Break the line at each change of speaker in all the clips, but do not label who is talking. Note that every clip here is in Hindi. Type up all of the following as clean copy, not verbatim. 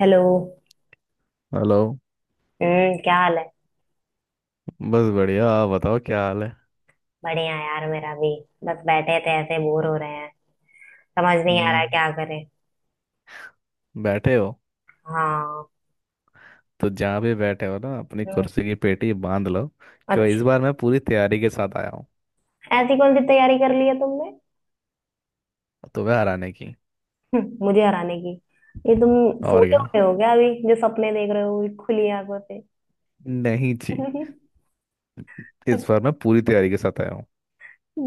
हेलो।
हेलो।
हम्म। क्या हाल है।
बस बढ़िया, आप बताओ क्या हाल है।
बढ़िया यार मेरा भी। बस बैठे थे ऐसे बोर हो रहे हैं। समझ नहीं आ रहा है
हम्म।
क्या करें।
बैठे हो?
हाँ।
तो जहाँ भी बैठे हो ना अपनी
हम्म।
कुर्सी की पेटी बांध लो। क्यों?
अच्छा।
इस बार मैं पूरी तैयारी के साथ आया हूँ।
ऐसी कौन सी तैयारी कर ली है तुमने।
तुम्हें हराने की।
मुझे हराने की। ये तुम सो
और
के
क्या।
उठे हो क्या अभी जो सपने देख रहे हो ये खुली आंखों से।
नहीं जी, इस बार मैं पूरी तैयारी के साथ आया हूँ।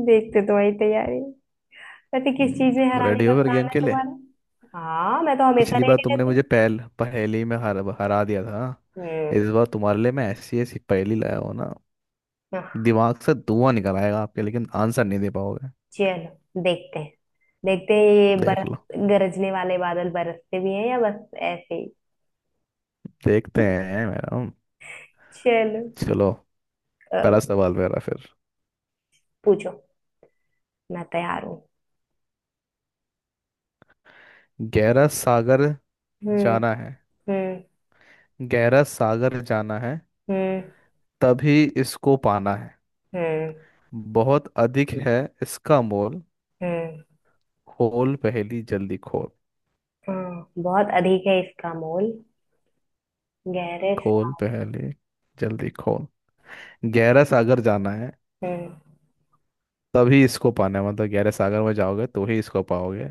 देखते तुम्हारी तैयारी। वैसे किस चीज में
तो
हराने
रेडी
का
हो फिर गेम
प्लान है
के लिए।
तुम्हारा। हाँ, मैं तो हमेशा
पिछली बार
रेडी
तुमने
रहती
मुझे
हूँ।
पहल पहेली में हरा दिया था। इस बार तुम्हारे लिए मैं ऐसी ऐसी पहेली लाया हूँ ना,
हम्म।
दिमाग से धुआं निकल आएगा आपके, लेकिन आंसर नहीं दे पाओगे।
चलो देखते हैं। देखते हैं ये
देख
बरस
लो।
गरजने वाले बादल बरसते भी हैं या बस ऐसे ही।
देखते हैं मैडम।
चलो।
चलो।
अ,
पहला सवाल मेरा फिर।
पूछो। मैं तैयार हूँ।
गहरा सागर
हम्म।
जाना है।
हम्म।
गहरा सागर जाना है,
हम्म।
तभी इसको पाना है।
हम्म।
बहुत अधिक है इसका मोल।
हम्म।
खोल पहेली जल्दी खोल।
हाँ, बहुत अधिक है इसका मोल। गहरे
खोल
सा-
पहेली जल्दी खोल। गहरा सागर जाना है,
हम्म।
तभी इसको पाना है। मतलब गहरे सागर में जाओगे तो ही इसको पाओगे।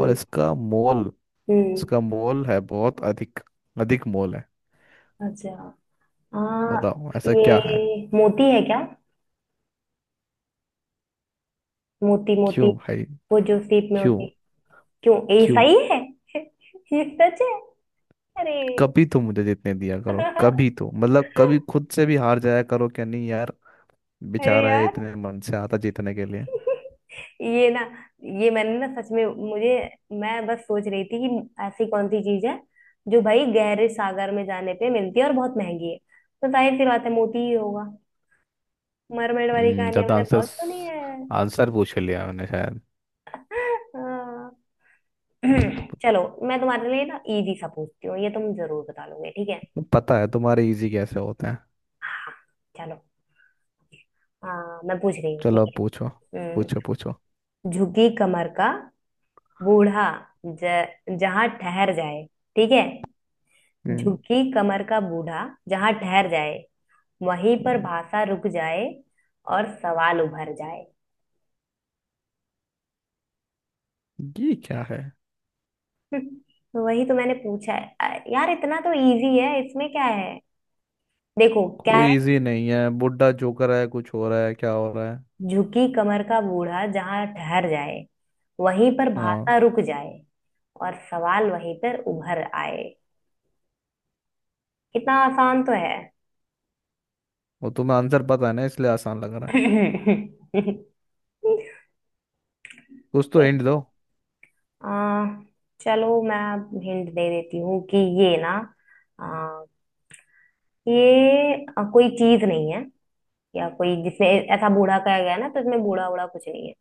और इसका मोल,
हम्म।
इसका मोल है बहुत अधिक। अधिक मोल है।
अच्छा। हाँ।
बताओ ऐसा
ये
क्या है।
मोती है क्या। मोती मोती
क्यों भाई?
वो जो सीप में
क्यों?
होती है। क्यों, ये
क्यों?
सही है। ये सच है। अरे।
कभी तो मुझे जीतने दिया करो, कभी तो, मतलब कभी खुद से भी हार जाया करो क्या, नहीं यार।
अरे
बेचारा है,
यार।
इतने मन से आता जीतने के लिए।
ये ना, ये मैंने ना सच में, मुझे, मैं बस सोच रही थी कि ऐसी कौन सी चीज है जो भाई गहरे सागर में जाने पे मिलती है और बहुत महंगी है तो जाहिर सी बात है मोती ही होगा। मरमेड वाली कहानियां
ज्यादा
मैंने
आंसर,
बहुत सुनी है।
आंसर पूछ लिया मैंने शायद।
हाँ।
हम्म,
चलो, मैं तुम्हारे लिए ना इजी सा पूछती हूँ, ये तुम जरूर बता लोगे, ठीक है।
पता है तुम्हारे इजी कैसे होते हैं।
हाँ। चलो। हाँ, मैं पूछ रही हूँ
चलो
ठीक
अब
है।
पूछो।
हम्म,
पूछो पूछो।
झुकी कमर का बूढ़ा, ज, जहां ठहर जाए, ठीक है।
हम्म
झुकी कमर का बूढ़ा जहां ठहर जाए, वहीं पर
हम्म,
भाषा रुक जाए और सवाल उभर जाए।
ये क्या है?
तो वही तो मैंने पूछा है यार, इतना तो इजी है, इसमें क्या है। देखो क्या है।
कोई इजी नहीं है, बुड्ढा जोकर है, कुछ हो रहा है, क्या हो रहा है।
झुकी कमर का बूढ़ा जहां ठहर जाए, वहीं पर
हाँ,
भाषा रुक जाए और सवाल वहीं पर उभर आए। कितना आसान तो है।
वो तुम्हें आंसर पता है ना, इसलिए आसान लग रहा है। कुछ तो
एक-
एंड दो।
आ, चलो मैं हिंट दे देती हूँ कि ये ना, आ, ये कोई चीज नहीं है या कोई जिसने, ऐसा बूढ़ा कहा गया है ना तो इसमें बूढ़ा बूढ़ा कुछ नहीं है।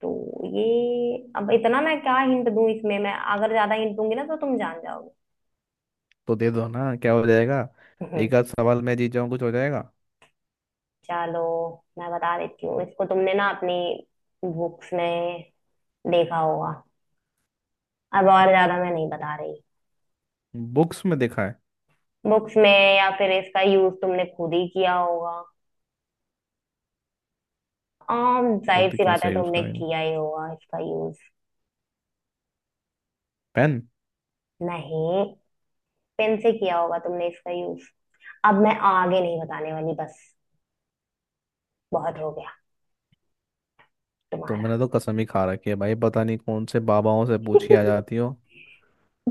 तो ये, अब इतना मैं क्या हिंट दूं, इसमें मैं अगर ज्यादा हिंट दूंगी ना तो तुम जान जाओगे।
तो दे दो ना, क्या हो जाएगा।
हम्म,
एक आध सवाल मैं जीत जाऊं, कुछ हो जाएगा।
चलो मैं बता देती हूँ, इसको तुमने ना अपनी बुक्स में देखा होगा। अब और ज्यादा मैं नहीं बता रही।
बुक्स में देखा है?
बुक्स में, या फिर इसका यूज तुमने खुद ही किया होगा। आम, जाहिर
खुद
सी बात है
कैसे यूज
तुमने
करेंगे?
किया ही होगा इसका यूज।
पेन।
नहीं, पेन से किया होगा तुमने इसका यूज। अब मैं आगे नहीं बताने वाली, बस बहुत हो गया तुम्हारा।
तुमने तो कसम ही खा रखी है भाई, पता नहीं कौन से बाबाओं से पूछी आ जाती हो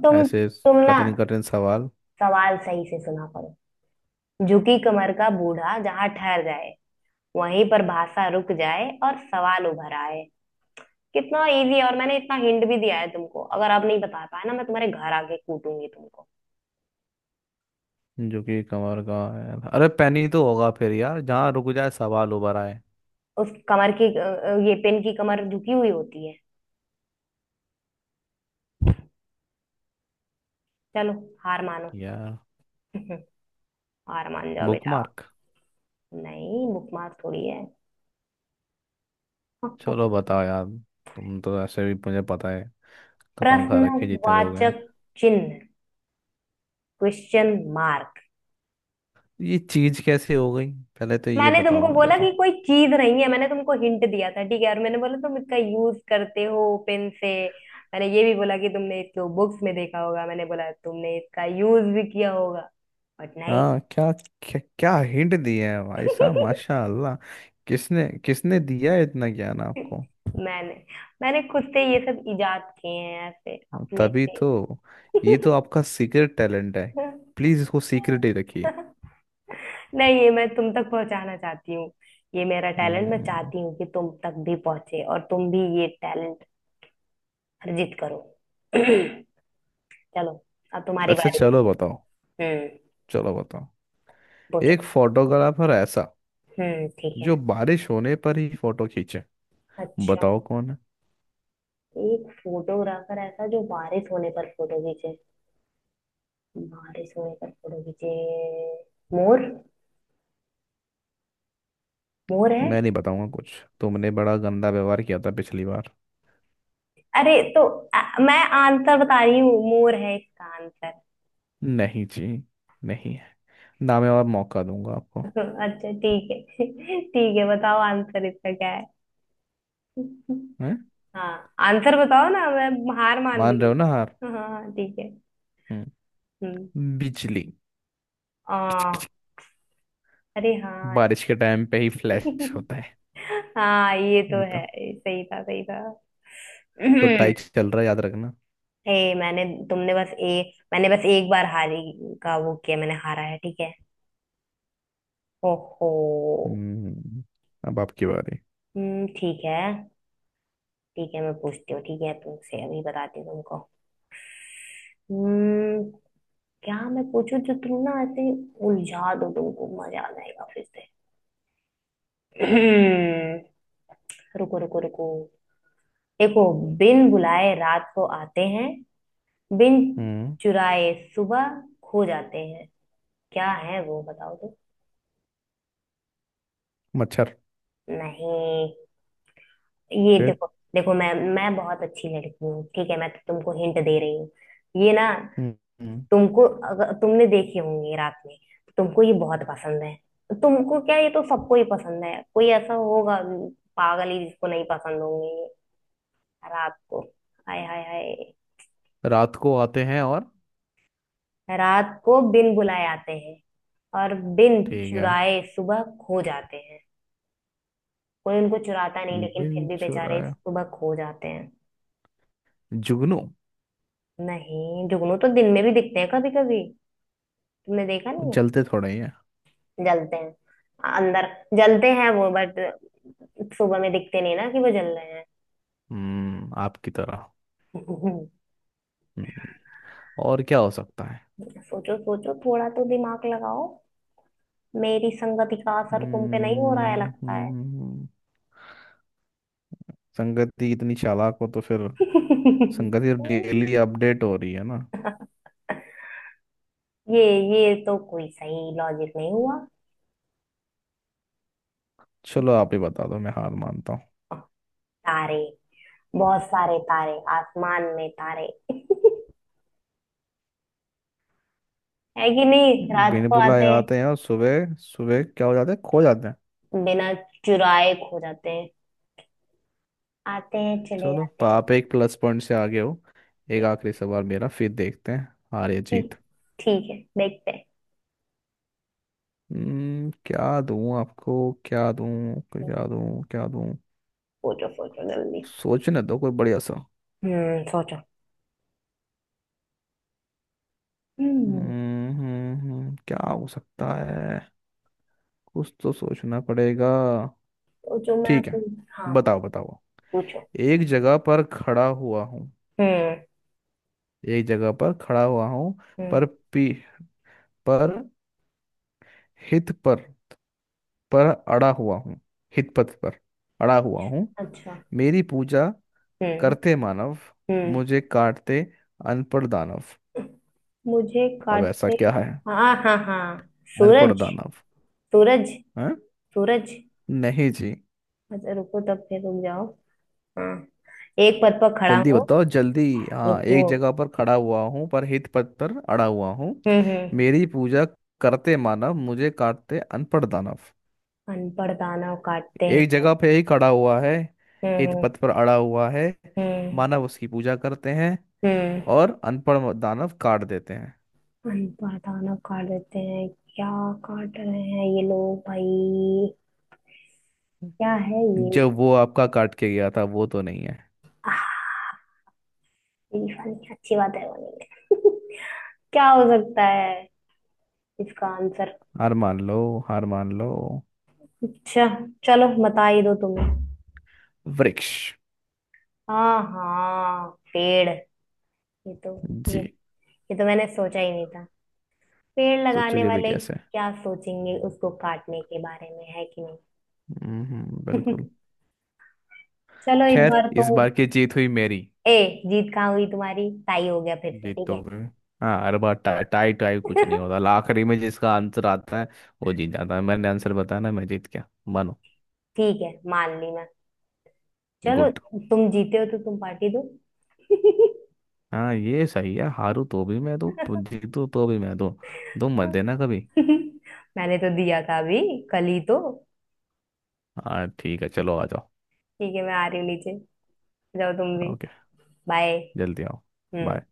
तुम
ऐसे
तुम ना,
कठिन कठिन सवाल।
सवाल सही से सुना करो। झुकी कमर का बूढ़ा जहां ठहर जाए, वहीं पर भाषा रुक जाए और सवाल उभर आए। कितना इजी है, और मैंने इतना हिंट भी दिया है तुमको। अगर आप नहीं बता पाए ना, मैं तुम्हारे घर आके कूटूंगी तुमको।
जो कि कमर का है। अरे पेन ही तो होगा फिर यार, जहाँ रुक जाए सवाल उभर आए।
उस कमर की, ये पेन की कमर झुकी हुई होती है। चलो हार मानो।
यार,
हार मान जाओ
बुक
बेटा।
मार्क।
नहीं, बुक मार थोड़ी है।
चलो बताओ यार, तुम तो ऐसे भी मुझे पता है, कसम खा रखी है जितने लोग हैं।
प्रश्नवाचक चिन्ह। Question mark.
ये चीज कैसे हो गई पहले तो ये
मैंने
बताओ
तुमको
मुझे
बोला कि
तो।
कोई चीज नहीं है, मैंने तुमको हिंट दिया था ठीक है, और मैंने बोला तुम इसका यूज करते हो पेन से। मैंने ये भी बोला कि तुमने इसको बुक्स में देखा होगा, मैंने बोला तुमने इसका यूज भी किया होगा। बट नहीं।
हाँ, क्या क्या, क्या हिंट दिया है भाई साहब, माशाल्लाह। किसने किसने दिया है इतना ज्ञान आपको।
मैंने मैंने खुद से ये सब इजाद किए हैं, ऐसे अपने
तभी
से।
तो, ये तो आपका सीक्रेट टैलेंट है। प्लीज इसको सीक्रेट ही रखिए।
नहीं, ये मैं तुम तक पहुंचाना चाहती हूँ। ये मेरा टैलेंट, मैं
हम्म,
चाहती हूँ कि तुम तक भी पहुंचे और तुम भी ये टैलेंट अर्जित करो। चलो अब तुम्हारी
अच्छा
बारी है।
चलो बताओ।
हम्म।
चलो बताओ।
पूछो।
एक फोटोग्राफर ऐसा,
हम्म, ठीक है।
जो बारिश होने पर ही फोटो खींचे।
अच्छा।
बताओ कौन है।
एक फोटोग्राफर ऐसा जो बारिश होने पर फोटो खींचे। बारिश होने पर फोटो खींचे। मोर। मोर है।
मैं नहीं बताऊंगा कुछ, तुमने बड़ा गंदा व्यवहार किया था पिछली बार।
अरे तो, मैं आंसर बता रही हूँ, मोर है इसका आंसर।
नहीं जी, नहीं है। ना मैं और मौका दूंगा आपको।
अच्छा ठीक है। ठीक है, बताओ आंसर इसका क्या है।
हैं?
हाँ, आंसर बताओ ना, मैं हार मान ली।
मान रहे हो ना हार?
हाँ, हाँ, हाँ, ठीक है। हम्म।
बिजली।
आ, अरे हाँ।
बारिश के टाइम पे ही फ्लैश होता है।
हाँ ये तो
वो तो।
है। सही था, सही था।
तो टाइट चल रहा है, याद रखना।
ए मैंने, तुमने बस, ए मैंने बस एक बार हारी का वो किया, मैंने हारा है ठीक है। ओहो।
हम्म। अब आपकी बारी।
हम्म, ठीक है। ठीक है, मैं पूछती हूँ ठीक है, तुमसे अभी बताती हूँ तुमको। हम्म। क्या मैं पूछूं जो तुम ना ऐसे, उलझा दो तुमको मजा आ जाएगा फिर से। हम्म, रुको रुको रुको। देखो, बिन बुलाए रात को आते हैं, बिन
हम्म।
चुराए सुबह खो जाते हैं। क्या है वो, बताओ तो।
मच्छर।
नहीं। ये
फिर?
देखो। देखो, मैं बहुत अच्छी लड़की हूँ ठीक है, मैं तो तुमको हिंट दे रही हूँ। ये ना,
हम्म हम्म,
तुमको, अगर तुमने देखी होंगी रात में, तुमको ये बहुत पसंद है। तुमको क्या, ये तो सबको ही पसंद है, कोई ऐसा होगा पागल ही जिसको नहीं पसंद होंगे ये। रात को, हाय हाय हाय।
रात को आते हैं और,
रात को बिन बुलाए आते हैं, और बिन
ठीक है।
चुराए सुबह खो जाते हैं। कोई उनको चुराता नहीं लेकिन फिर
बिन
भी बेचारे
चुराया,
सुबह खो जाते हैं।
जुगनू।
नहीं, जुगनू तो दिन में भी दिखते हैं कभी कभी, तुमने देखा
वो
नहीं है।
जलते थोड़े ही है।
जलते हैं अंदर, जलते हैं वो बट सुबह में दिखते नहीं ना कि वो जल रहे हैं।
हम्म, आपकी तरह। हम्म। और क्या हो सकता है।
सोचो सोचो, थोड़ा तो दिमाग लगाओ। मेरी संगति का असर तुम पे नहीं हो रहा है
हम्म
लगता है।
हम्म, संगति इतनी चालाक हो तो फिर, संगति डेली अपडेट हो रही है ना।
ये ये तो कोई सही लॉजिक नहीं हुआ।
चलो आप ही बता दो, मैं हार मानता हूँ।
तारे, बहुत सारे तारे, आसमान में तारे। है कि नहीं, रात
बिन
को आते
बुलाए
हैं,
आते हैं और सुबह सुबह क्या हो जाते हैं, खो जाते हैं।
बिना चुराए खो जाते हैं, आते हैं चले
चलो
जाते हैं।
आप एक प्लस पॉइंट से आगे हो। एक आखिरी सवाल मेरा फिर, देखते हैं हार या जीत।
ठीक, ठीक है देखते हैं।
हम्म, क्या दूं आपको। क्या दूं। क्या दूं क्या दूं।
सोचो सोचो जल्दी।
सोचने दो कोई बढ़िया सा।
हम्म, सोचो। हम्म,
क्या हो सकता है? कुछ तो सोचना पड़ेगा।
सोचो, मैं
ठीक है,
अपनी, हाँ
बताओ बताओ।
पूछो।
एक जगह पर खड़ा हुआ हूँ।
हम्म।
एक जगह पर खड़ा हुआ हूँ,
हम्म।
पर पी पर हित पर अड़ा हुआ हूँ। हित पथ पर अड़ा हुआ हूँ।
अच्छा।
मेरी पूजा
हम्म।
करते मानव,
हम्म।
मुझे काटते अनपढ़ दानव।
मुझे
अब ऐसा
काटते।
क्या है?
हाँ हाँ हाँ,
अनपढ़
सूरज।
दानव।
सूरज।
हैं?
सूरज।
नहीं जी।
अच्छा रुको, तब फिर रुक जाओ। हाँ, एक पद पर खड़ा
जल्दी
हूँ।
बताओ जल्दी। हाँ,
रुको।
एक जगह पर खड़ा हुआ हूँ, पर हित पथ पर अड़ा हुआ हूँ।
हम्म। हम्म।
मेरी पूजा करते मानव, मुझे काटते अनपढ़ दानव।
अनपढ़ दानव काटते हैं।
एक जगह पे ही खड़ा हुआ है। हित
हम्म।
पथ पर अड़ा हुआ है।
हम्म।
मानव उसकी पूजा करते हैं।
हम्म।
और अनपढ़ दानव काट देते हैं।
अनपढ़ दानव काट देते हैं। क्या काट रहे हैं ये लोग भाई, क्या है ये।
जो वो आपका काट के गया था वो तो नहीं है।
आह, ये वाली अच्छी बात है वाली। क्या हो सकता है इसका आंसर।
हार मान लो। हार मान लो।
अच्छा चलो बता ही दो तुम्हें।
वृक्ष।
हाँ हाँ, पेड़। ये तो, ये
जी।
ये तो मैंने सोचा ही नहीं था। पेड़ लगाने
सोचोगे भी
वाले
कैसे।
क्या सोचेंगे उसको काटने के बारे में, है कि नहीं।
हम्म, बिल्कुल।
चलो इस
खैर,
बार तो,
इस बार की जीत हुई मेरी।
ए जीत कहाँ हुई तुम्हारी, टाई हो गया फिर से
जीत
ठीक
तो
है।
हुई। हाँ, हर बार टाई टाई टाई, कुछ नहीं होता। आखिरी में जिसका आंसर आता है वो जीत जाता है। मैंने आंसर बताया ना, मैं जीत गया, मानो।
ठीक है मान ली मैं। चलो,
गुड।
तुम जीते हो तो तुम पार्टी दो।
हाँ ये सही है, हारू तो भी मैं दूँ, जीतू तो भी मैं दूँ, तुम मत देना कभी।
मैंने तो दिया था अभी, कल ही तो।
हाँ ठीक है, चलो आ जाओ।
ठीक है, मैं आ रही हूँ नीचे। जाओ तुम भी।
ओके।
बाय।
जल्दी आओ। बाय।
हम्म।